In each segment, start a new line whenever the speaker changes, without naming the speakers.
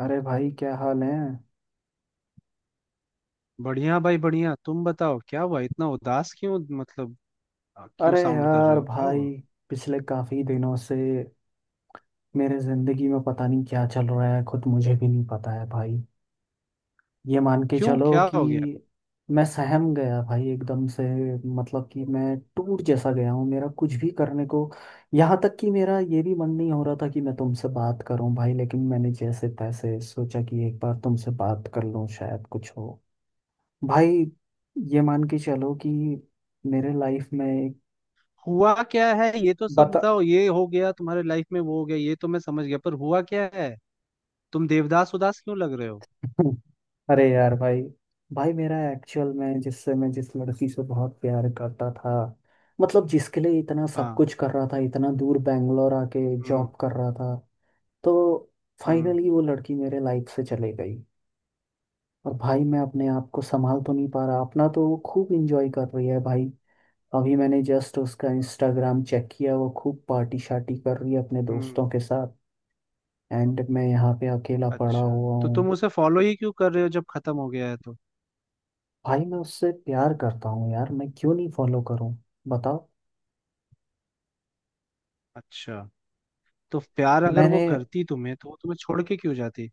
अरे भाई क्या हाल है।
बढ़िया भाई बढ़िया। तुम बताओ क्या हुआ, इतना उदास क्यों? क्यों
अरे
साउंड कर रहे
यार
हो? क्या हुआ?
भाई, पिछले काफी दिनों से मेरे जिंदगी में पता नहीं क्या चल रहा है, खुद मुझे भी नहीं पता है भाई। ये मान के
क्यों,
चलो
क्या
कि
हो गया?
मैं सहम गया भाई एकदम से। मतलब कि मैं टूट जैसा गया हूँ, मेरा कुछ भी करने को। यहाँ तक कि मेरा ये भी मन नहीं हो रहा था कि मैं तुमसे बात करूँ भाई, लेकिन मैंने जैसे तैसे सोचा कि एक बार तुमसे बात कर लूँ शायद कुछ हो। भाई, ये मान के चलो कि मेरे लाइफ में एक।
हुआ क्या है ये तो सब
बता।
बताओ। ये हो गया तुम्हारे लाइफ में, वो हो गया, ये तो मैं समझ गया, पर हुआ क्या है? तुम देवदास उदास क्यों लग रहे हो?
हम्म। अरे यार भाई, भाई मेरा एक्चुअल में जिससे, मैं जिस लड़की से बहुत प्यार करता था, मतलब जिसके लिए इतना सब
हाँ।
कुछ कर रहा था, इतना दूर बैंगलोर आके
हम्म।
जॉब कर रहा था, तो
हम्म।
फाइनली वो लड़की मेरे लाइफ से चले गई। और भाई मैं अपने आप को संभाल तो नहीं पा रहा अपना, तो वो खूब इंजॉय कर रही है भाई। अभी मैंने जस्ट उसका इंस्टाग्राम चेक किया, वो खूब पार्टी शार्टी कर रही है अपने
हम्म।
दोस्तों के साथ। एंड मैं यहाँ पे अकेला पड़ा
अच्छा,
हुआ
तो
हूँ।
तुम उसे फॉलो ही क्यों कर रहे हो जब खत्म हो गया है तो?
भाई मैं उससे प्यार करता हूँ यार, मैं क्यों नहीं फॉलो करूँ, बताओ।
अच्छा, तो प्यार अगर वो
मैंने,
करती तुम्हें तो वो तुम्हें छोड़ के क्यों जाती?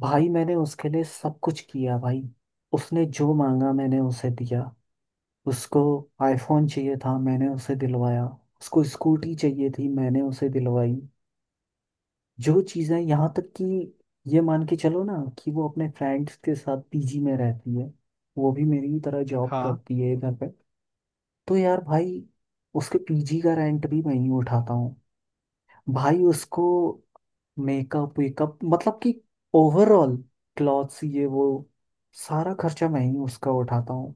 भाई मैंने उसके लिए सब कुछ किया भाई। उसने जो मांगा मैंने उसे दिया। उसको आईफोन चाहिए था, मैंने उसे दिलवाया। उसको स्कूटी चाहिए थी, मैंने उसे दिलवाई। जो चीज़ें, यहाँ तक कि ये मान के चलो ना कि वो अपने फ्रेंड्स के साथ पीजी में रहती है, वो भी मेरी ही तरह जॉब
हाँ।
करती है इधर पे, तो यार भाई उसके पीजी का रेंट भी मैं ही उठाता हूँ। भाई उसको मेकअप वेकअप, मतलब कि ओवरऑल, क्लॉथ्स ये वो, सारा खर्चा मैं ही उसका उठाता हूँ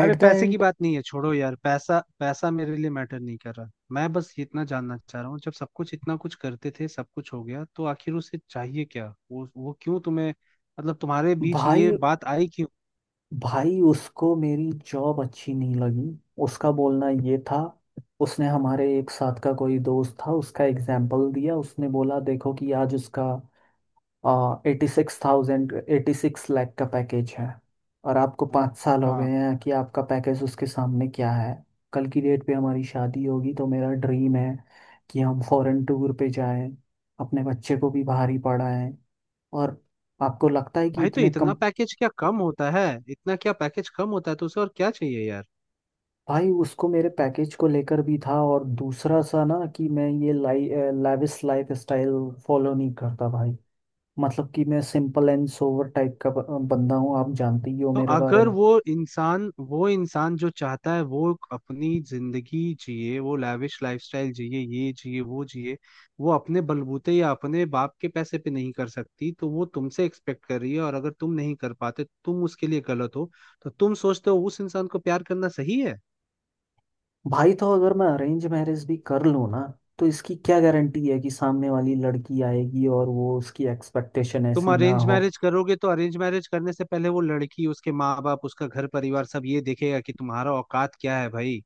अरे,
एट द
पैसे की
एंड।
बात नहीं है, छोड़ो यार। पैसा पैसा मेरे लिए मैटर नहीं कर रहा। मैं बस ये इतना जानना चाह रहा हूँ, जब सब कुछ इतना कुछ करते थे, सब कुछ हो गया, तो आखिर उसे चाहिए क्या? वो क्यों तुम्हें, मतलब तुम्हारे बीच ये
भाई,
बात आई क्यों?
भाई उसको मेरी जॉब अच्छी नहीं लगी। उसका बोलना ये था, उसने हमारे एक साथ का कोई दोस्त था उसका एग्जाम्पल दिया। उसने बोला, देखो कि आज उसका 86,000, 86 लाख का पैकेज है, और आपको 5 साल हो
हाँ।
गए हैं कि आपका पैकेज उसके सामने क्या है। कल की डेट पे हमारी शादी होगी तो मेरा ड्रीम है कि हम फॉरेन टूर पे जाएं, अपने बच्चे को भी बाहर ही पढ़ाएं, और आपको लगता है कि
भाई, तो
इतने
इतना
कम।
पैकेज क्या कम होता है? इतना क्या पैकेज कम होता है, तो उसे और क्या चाहिए यार?
भाई उसको मेरे पैकेज को लेकर भी था, और दूसरा सा ना कि मैं ये लाइ लाविश लाइफ स्टाइल फॉलो नहीं करता भाई। मतलब कि मैं सिंपल एंड सोवर टाइप का बंदा हूँ, आप जानते ही हो
तो
मेरे बारे
अगर
में।
वो इंसान, वो इंसान जो चाहता है वो अपनी जिंदगी जिए, वो लैविश लाइफस्टाइल जिए, ये जिए वो जिए, वो अपने बलबूते या अपने बाप के पैसे पे नहीं कर सकती, तो वो तुमसे एक्सपेक्ट कर रही है और अगर तुम नहीं कर पाते तुम उसके लिए गलत हो, तो तुम सोचते हो उस इंसान को प्यार करना सही है?
भाई तो अगर मैं अरेंज मैरिज भी कर लूँ ना, तो इसकी क्या गारंटी है कि सामने वाली लड़की आएगी और वो, उसकी एक्सपेक्टेशन
तुम
ऐसी ना
अरेंज
हो।
मैरिज करोगे तो अरेंज मैरिज करने से पहले वो लड़की, उसके माँ बाप, उसका घर परिवार सब ये देखेगा कि तुम्हारा औकात क्या है भाई।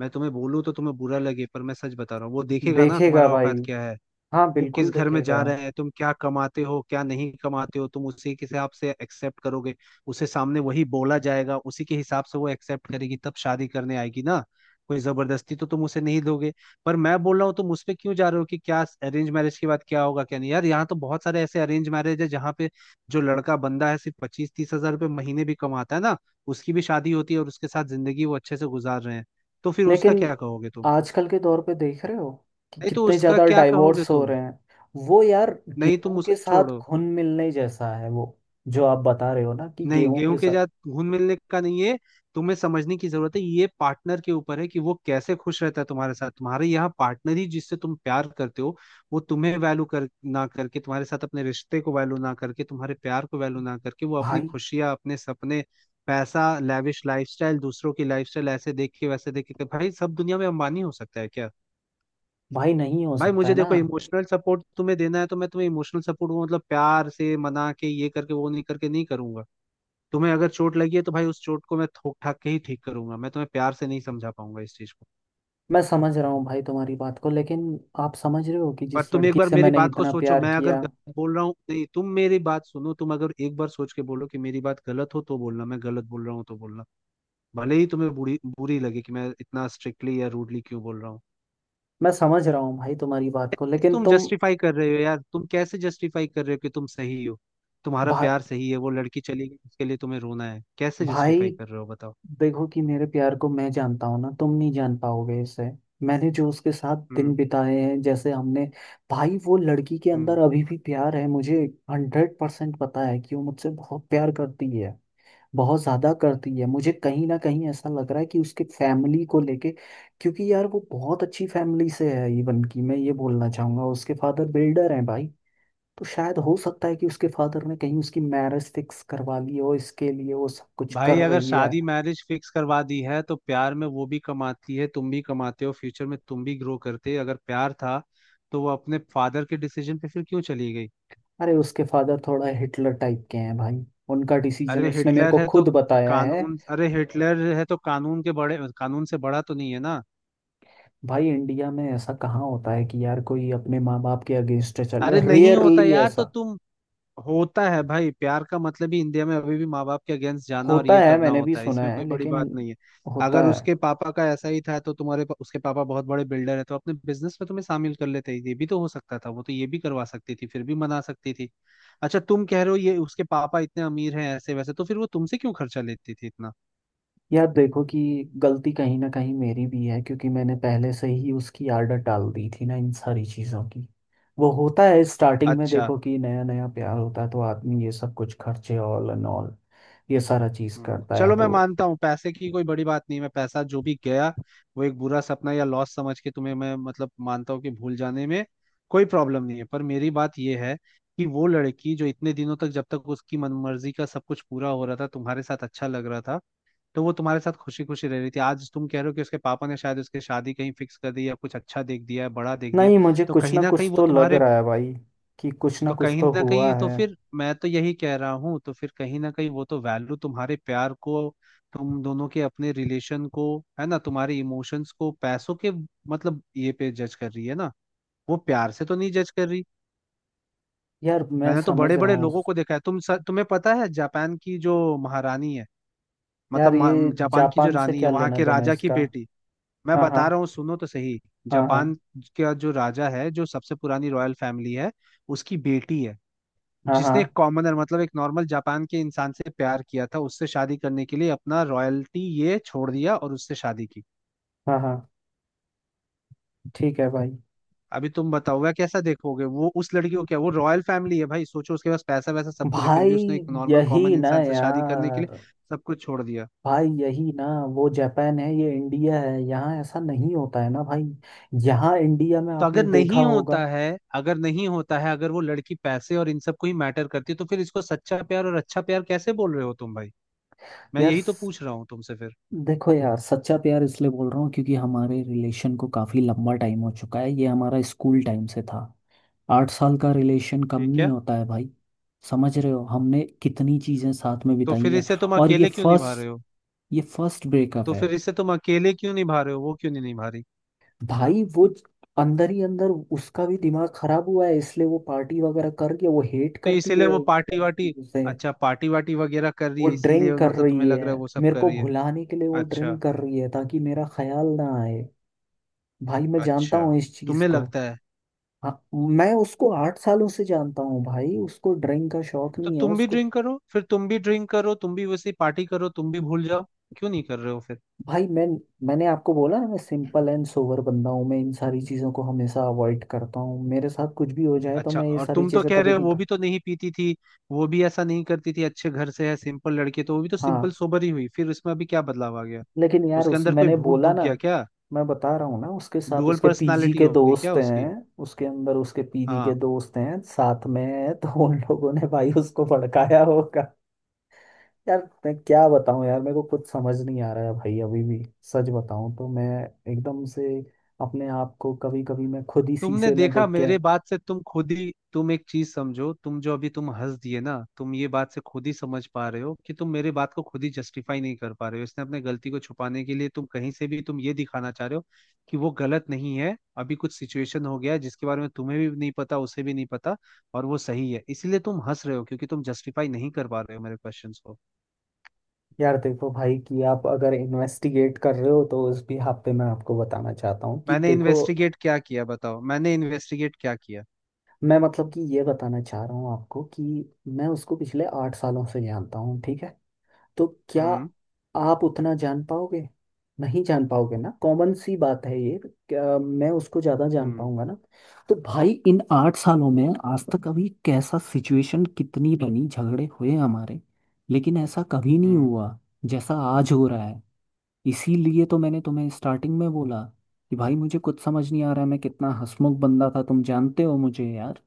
मैं तुम्हें बोलूँ तो तुम्हें बुरा लगे, पर मैं सच बता रहा हूँ, वो देखेगा ना
देखेगा
तुम्हारा
भाई,
औकात क्या है।
हाँ
वो किस
बिल्कुल
घर में जा
देखेगा।
रहा है, तुम क्या कमाते हो, क्या नहीं कमाते हो, तुम उसी के हिसाब से एक्सेप्ट करोगे। उसे सामने वही बोला जाएगा, उसी के हिसाब से वो एक्सेप्ट करेगी, तब शादी करने आएगी ना। कोई जबरदस्ती तो तुम उसे नहीं दोगे। पर मैं बोल रहा हूँ, तुम उस पे क्यों जा रहे हो कि क्या अरेंज मैरिज के बाद क्या होगा क्या नहीं। यार, यहाँ तो बहुत सारे ऐसे अरेंज मैरिज है जहाँ पे जो लड़का बंदा है सिर्फ पच्चीस तीस हजार रुपये महीने भी कमाता है ना, उसकी भी शादी होती है और उसके साथ जिंदगी वो अच्छे से गुजार रहे हैं। तो फिर उसका
लेकिन
क्या कहोगे तुम?
आजकल के दौर पे देख रहे हो कि
नहीं, तो
कितने
उसका
ज़्यादा
क्या कहोगे
डाइवोर्स हो
तुम?
रहे हैं। वो यार,
नहीं, तुम
गेहूं के
उसको
साथ
छोड़ो।
घुल मिलने जैसा है वो, जो आप बता रहे हो ना कि
नहीं,
गेहूं
गेहूं
के
के
साथ।
साथ घुल मिलने का नहीं है। तुम्हें समझने की जरूरत है, ये पार्टनर के ऊपर है कि वो कैसे खुश रहता है तुम्हारे साथ। तुम्हारे यहाँ पार्टनर ही जिससे तुम प्यार करते हो, वो तुम्हें वैल्यू कर ना करके, तुम्हारे साथ अपने रिश्ते को वैल्यू ना करके, तुम्हारे प्यार को वैल्यू ना करके, वो अपनी
भाई,
खुशियाँ, अपने सपने, पैसा, लैविश लाइफस्टाइल, दूसरों की लाइफस्टाइल ऐसे देख के वैसे देख के, भाई सब दुनिया में अंबानी हो सकता है क्या?
भाई नहीं हो
भाई
सकता है
मुझे
ना।
देखो, इमोशनल सपोर्ट तुम्हें देना है तो मैं तुम्हें इमोशनल सपोर्ट, वो मतलब प्यार से मना के, ये करके वो नहीं करके, नहीं करूंगा। तुम्हें अगर चोट लगी है तो भाई उस चोट को मैं ठोक ठाक के ही ठीक करूंगा, मैं तुम्हें प्यार से नहीं समझा पाऊंगा इस चीज को।
मैं समझ रहा हूँ भाई तुम्हारी बात को, लेकिन आप समझ रहे हो कि
पर
जिस
तुम एक
लड़की
बार
से
मेरी
मैंने
बात को
इतना
सोचो,
प्यार
मैं अगर
किया।
गलत बोल रहा हूँ। नहीं, तुम मेरी बात सुनो, तुम अगर एक बार सोच के बोलो कि मेरी बात गलत हो तो बोलना, मैं गलत बोल रहा हूँ तो बोलना। भले ही तुम्हें बुरी बुरी लगे कि मैं इतना स्ट्रिक्टली या रूडली क्यों बोल रहा हूँ।
मैं समझ रहा हूँ भाई तुम्हारी बात को लेकिन
तुम
तुम।
जस्टिफाई कर रहे हो यार, तुम कैसे जस्टिफाई कर रहे हो कि तुम सही हो, तुम्हारा
भाई,
प्यार सही है, वो लड़की चली गई उसके लिए तुम्हें रोना है, कैसे
भाई
जस्टिफाई कर रहे हो बताओ?
देखो कि मेरे प्यार को मैं जानता हूँ ना, तुम नहीं जान पाओगे इसे। मैंने जो उसके साथ दिन
हम्म।
बिताए हैं, जैसे हमने। भाई वो लड़की के अंदर
हम्म।
अभी भी प्यार है मुझे। 100% पता है कि वो मुझसे बहुत प्यार करती है, बहुत ज्यादा करती है। मुझे कहीं ना कहीं ऐसा लग रहा है कि उसके फैमिली को लेके, क्योंकि यार वो बहुत अच्छी फैमिली से है। इवन की मैं ये बोलना चाहूंगा, उसके फादर बिल्डर हैं भाई। तो शायद हो सकता है कि उसके फादर ने कहीं उसकी मैरिज फिक्स करवा ली हो, इसके लिए वो सब कुछ
भाई
कर
अगर
रही है।
शादी मैरिज फिक्स करवा दी है, तो प्यार में वो भी कमाती है, तुम भी कमाते हो, फ्यूचर में तुम भी ग्रो करते, अगर प्यार था तो वो अपने फादर के डिसीजन पे फिर क्यों चली गई?
अरे उसके फादर थोड़ा हिटलर टाइप के हैं भाई। उनका डिसीजन
अरे
उसने मेरे
हिटलर
को
है तो
खुद बताया है।
कानून, अरे हिटलर है तो कानून के बड़े, कानून से बड़ा तो नहीं है ना।
भाई इंडिया में ऐसा कहाँ होता है कि यार कोई अपने माँ बाप के अगेंस्ट चल,
अरे नहीं होता
रेयरली
यार, तो
ऐसा
तुम, होता है भाई। प्यार का मतलब ही इंडिया में अभी भी माँ बाप के अगेंस्ट जाना और
होता
ये
है।
करना
मैंने भी
होता है,
सुना
इसमें
है,
कोई बड़ी
लेकिन
बात नहीं है।
होता
अगर
है।
उसके पापा का ऐसा ही था तो तुम्हारे पा- उसके पापा बहुत बड़े बिल्डर है तो अपने बिजनेस में तुम्हें शामिल कर लेते, ये भी तो हो सकता था, वो तो ये भी करवा सकती थी, फिर भी मना सकती थी। अच्छा, तुम कह रहे हो ये उसके पापा इतने अमीर हैं ऐसे वैसे, तो फिर वो तुमसे क्यों खर्चा लेती थी इतना?
यार देखो कि गलती कहीं ना कहीं मेरी भी है, क्योंकि मैंने पहले से ही उसकी आदत डाल दी थी ना इन सारी चीज़ों की। वो होता है स्टार्टिंग में,
अच्छा।
देखो कि नया नया प्यार होता है तो आदमी ये सब कुछ खर्चे, ऑल एंड ऑल ये सारा चीज़
हम्म।
करता है
चलो, मैं
तो।
मानता हूँ पैसे की कोई बड़ी बात नहीं, मैं पैसा जो भी गया वो एक बुरा सपना या लॉस समझ के, तुम्हें मैं मतलब मानता हूँ कि भूल जाने में कोई प्रॉब्लम नहीं है। पर मेरी बात यह है कि वो लड़की जो इतने दिनों तक, जब तक उसकी मनमर्जी का सब कुछ पूरा हो रहा था, तुम्हारे साथ अच्छा लग रहा था, तो वो तुम्हारे साथ खुशी खुशी रह रही थी। आज तुम कह रहे हो कि उसके पापा ने शायद उसकी शादी कहीं फिक्स कर दी या कुछ अच्छा देख दिया है, बड़ा देख दिया,
नहीं, मुझे
तो
कुछ
कहीं
ना
ना कहीं
कुछ
वो
तो लग
तुम्हारे,
रहा है भाई, कि कुछ ना
तो
कुछ
कहीं
तो
ना
हुआ
कहीं, तो
है।
फिर मैं तो यही कह रहा हूँ, तो फिर कहीं ना कहीं वो तो वैल्यू तुम्हारे प्यार को, तुम दोनों के अपने रिलेशन को, है ना, तुम्हारे इमोशंस को, पैसों के मतलब ये पे जज कर रही है ना, वो प्यार से तो नहीं जज कर रही।
यार मैं
मैंने तो
समझ
बड़े
रहा
बड़े
हूँ।
लोगों को देखा है। तुम स- तुम्हें पता है जापान की जो महारानी है, मतलब
यार ये
मा- जापान की जो
जापान से
रानी है,
क्या
वहां
लेना
के
देना
राजा की
इसका।
बेटी। मैं
हाँ, हाँ।
बता रहा हूँ सुनो तो सही।
हाँ, हाँ।
जापान का जो राजा है, जो सबसे पुरानी रॉयल फैमिली है, उसकी बेटी है
हाँ, हाँ।
जिसने एक कॉमनर मतलब एक नॉर्मल जापान के इंसान से प्यार किया था, उससे शादी करने के लिए अपना रॉयल्टी ये छोड़ दिया और उससे शादी की।
हाँ, हाँ। ठीक है भाई।
अभी तुम बताओ वह कैसा, देखोगे वो उस लड़की को, क्या वो रॉयल फैमिली है भाई, सोचो। उसके पास पैसा वैसा सब कुछ है, फिर भी
भाई
उसने एक नॉर्मल कॉमन
यही ना
इंसान से शादी करने के लिए
यार,
सब कुछ छोड़ दिया।
भाई यही ना। वो जापान है, ये इंडिया है, यहाँ ऐसा नहीं होता है ना भाई। यहाँ इंडिया में
तो
आपने
अगर
देखा
नहीं
होगा।
होता है, अगर नहीं होता है, अगर वो लड़की पैसे और इन सब को ही मैटर करती है, तो फिर इसको सच्चा प्यार और अच्छा प्यार कैसे बोल रहे हो तुम भाई? मैं
यार
यही तो
स-
पूछ रहा हूँ तुमसे फिर।
देखो यार, सच्चा प्यार इसलिए बोल रहा हूँ क्योंकि हमारे रिलेशन को काफी लंबा टाइम हो चुका है, ये हमारा स्कूल टाइम से था। 8 साल का रिलेशन कम
ठीक
नहीं
है।
होता है भाई, समझ रहे हो हमने कितनी चीजें साथ में
तो
बिताई
फिर
हैं।
इसे तुम
और ये
अकेले क्यों निभा रहे
फर्स्ट
हो?
ये फर्स्ट ब्रेकअप
तो
है।
फिर इसे तुम अकेले क्यों निभा रहे हो, वो क्यों नहीं निभा रही?
भाई वो अंदर ही अंदर उसका भी दिमाग खराब हुआ है, इसलिए वो पार्टी वगैरह करके वो हेट
तो
करती
इसीलिए
है
वो पार्टी वार्टी,
उसे।
अच्छा पार्टी वार्टी वगैरह कर रही
वो
है इसीलिए,
ड्रिंक कर
मतलब तुम्हें
रही
लग
है,
रहा है वो सब
मेरे
कर
को
रही है।
भुलाने के लिए वो
अच्छा।
ड्रिंक कर रही है ताकि मेरा ख्याल ना आए। भाई मैं जानता
अच्छा,
हूँ इस चीज
तुम्हें
को।
लगता है?
हाँ, मैं उसको 8 सालों से जानता हूँ भाई, उसको ड्रिंक का शौक
तो
नहीं है
तुम भी
उसको।
ड्रिंक करो फिर, तुम भी ड्रिंक करो, तुम भी वैसे ही पार्टी करो, तुम भी भूल जाओ। क्यों नहीं कर रहे हो फिर?
भाई मैंने आपको बोला ना, मैं सिंपल एंड सोबर बंदा हूँ, मैं इन सारी चीज़ों को हमेशा अवॉइड करता हूँ, मेरे साथ कुछ भी हो जाए तो
अच्छा,
मैं ये
और
सारी
तुम तो
चीज़ें
कह
कभी
रहे हो
नहीं
वो
कर।
भी तो नहीं पीती थी, वो भी ऐसा नहीं करती थी, अच्छे घर से है सिंपल लड़के, तो वो भी तो सिंपल
हाँ,
सोबर ही हुई, फिर उसमें अभी क्या बदलाव आ गया?
लेकिन यार
उसके
उस
अंदर कोई
मैंने
भूत
बोला
दुख
ना,
गया क्या?
मैं बता रहा हूँ ना, उसके साथ
डुअल
उसके पीजी
पर्सनालिटी
के
हो गई क्या
दोस्त
उसकी?
हैं, उसके अंदर उसके पीजी के
हाँ।
दोस्त हैं साथ में हैं, तो उन लोगों ने भाई उसको भड़काया होगा। यार मैं क्या बताऊँ यार, मेरे को कुछ समझ नहीं आ रहा है भाई, अभी भी सच बताऊँ तो मैं, एकदम से अपने आप को, कभी कभी मैं खुद ही
तुमने
शीशे में
देखा,
देख के।
मेरे बात से तुम खुद ही, तुम एक चीज समझो, तुम जो अभी तुम हंस दिए ना, तुम ये बात से खुद ही समझ पा रहे हो कि तुम मेरे बात को खुद ही जस्टिफाई नहीं कर पा रहे हो। इसने अपने गलती को छुपाने के लिए तुम कहीं से भी तुम ये दिखाना चाह रहे हो कि वो गलत नहीं है, अभी कुछ सिचुएशन हो गया है जिसके बारे में तुम्हें भी नहीं पता, उसे भी नहीं पता, और वो सही है, इसीलिए तुम हंस रहे हो क्योंकि तुम जस्टिफाई नहीं कर पा रहे हो मेरे क्वेश्चंस को।
यार देखो भाई कि आप अगर इन्वेस्टिगेट कर रहे हो तो उस भी आप पे मैं आपको बताना चाहता हूँ कि
मैंने
देखो,
इन्वेस्टिगेट क्या किया बताओ, मैंने इन्वेस्टिगेट क्या किया?
मैं मतलब कि ये बताना चाह रहा हूँ आपको कि मैं उसको पिछले 8 सालों से जानता हूँ, ठीक है। तो क्या
हम्म।
आप उतना जान पाओगे, नहीं जान पाओगे ना, कॉमन सी बात है ये। क्या मैं उसको ज़्यादा जान
हम्म।
पाऊंगा ना। तो भाई इन 8 सालों में आज तक अभी कैसा सिचुएशन, कितनी बनी झगड़े हुए हमारे, लेकिन ऐसा कभी नहीं
हम्म।
हुआ जैसा आज हो रहा है। इसीलिए तो मैंने तुम्हें स्टार्टिंग में बोला कि भाई मुझे कुछ समझ नहीं आ रहा है, मैं कितना हंसमुख बंदा था तुम जानते हो मुझे यार।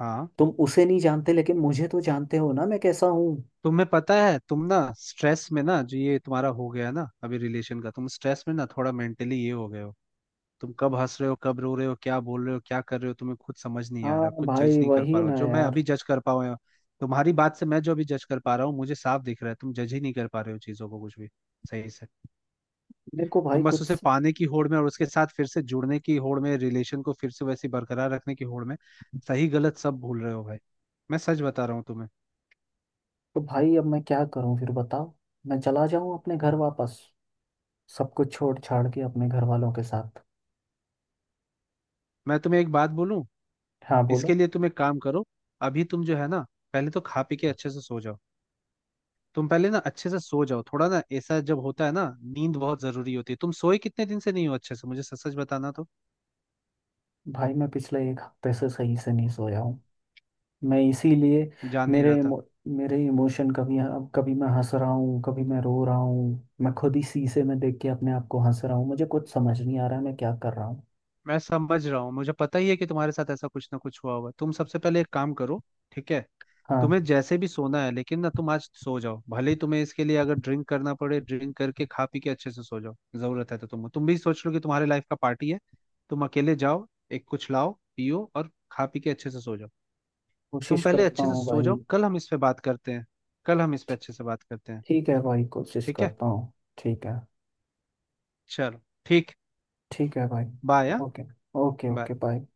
हाँ।
तुम उसे नहीं जानते, लेकिन मुझे तो जानते हो ना मैं कैसा हूँ।
तुम्हें पता है, तुम ना स्ट्रेस में, ना जो ये तुम्हारा हो गया ना अभी रिलेशन का, तुम स्ट्रेस में ना थोड़ा मेंटली ये हो गए हो। तुम कब हंस रहे हो, कब रो रहे हो, क्या बोल रहे हो, क्या कर रहे हो, तुम्हें खुद समझ नहीं आ रहा,
हाँ
खुद जज
भाई,
नहीं कर पा
वही
रहा हो
ना
जो मैं अभी
यार।
जज कर पाऊँ। तुम्हारी बात से मैं जो अभी जज कर पा रहा हूँ, मुझे साफ दिख रहा है तुम जज ही नहीं कर पा रहे हो चीजों को कुछ भी सही से।
मेरे को भाई
तुम बस
कुछ।
उसे पाने की होड़ में और उसके साथ फिर से जुड़ने की होड़ में, रिलेशन को फिर से वैसे ही बरकरार रखने की होड़ में सही गलत सब भूल रहे हो भाई। मैं सच बता रहा हूँ तुम्हें।
तो भाई अब मैं क्या करूँ, फिर बताओ, मैं चला जाऊँ अपने घर वापस, सब कुछ छोड़ छाड़ के अपने घर वालों के साथ।
मैं तुम्हें एक बात बोलूं,
हाँ
इसके
बोलो।
लिए तुम एक काम करो। अभी तुम जो है ना, पहले तो खा पी के अच्छे से सो जाओ। तुम पहले ना अच्छे से सो जाओ, थोड़ा ना ऐसा जब होता है ना, नींद बहुत जरूरी होती है। तुम सोए कितने दिन से नहीं हो अच्छे से, मुझे सच सच बताना तो।
भाई मैं पिछले एक हफ्ते से सही से नहीं सोया हूँ। मैं इसीलिए,
जान नहीं
मेरे
रहा था।
इमो, मेरे इमोशन, कभी अब कभी मैं हंस रहा हूँ कभी मैं रो रहा हूँ, मैं खुद ही शीशे में देख के अपने आप को हंस रहा हूँ, मुझे कुछ समझ नहीं आ रहा है मैं क्या कर रहा हूँ।
मैं समझ रहा हूँ, मुझे पता ही है कि तुम्हारे साथ ऐसा कुछ ना कुछ हुआ होगा। तुम सबसे पहले एक काम करो, ठीक है।
हाँ,
तुम्हें जैसे भी सोना है, लेकिन ना तुम आज सो जाओ, भले ही तुम्हें इसके लिए अगर ड्रिंक करना पड़े, ड्रिंक करके खा पी के अच्छे से सो जाओ। जरूरत है तो तुम भी सोच लो कि तुम्हारे लाइफ का पार्टी है। तुम अकेले जाओ, एक कुछ लाओ, पियो और खा पी के अच्छे से सो जाओ। तुम
कोशिश
पहले
करता
अच्छे से
हूँ
सो
भाई।
जाओ, कल हम इस पे बात करते हैं। कल हम इस पे अच्छे से बात करते हैं।
ठीक है भाई, कोशिश
ठीक है।
करता हूँ। ठीक है।
चलो। ठीक।
ठीक है भाई।
बाय। हाँ
okay. Okay
bye.
Okay bye.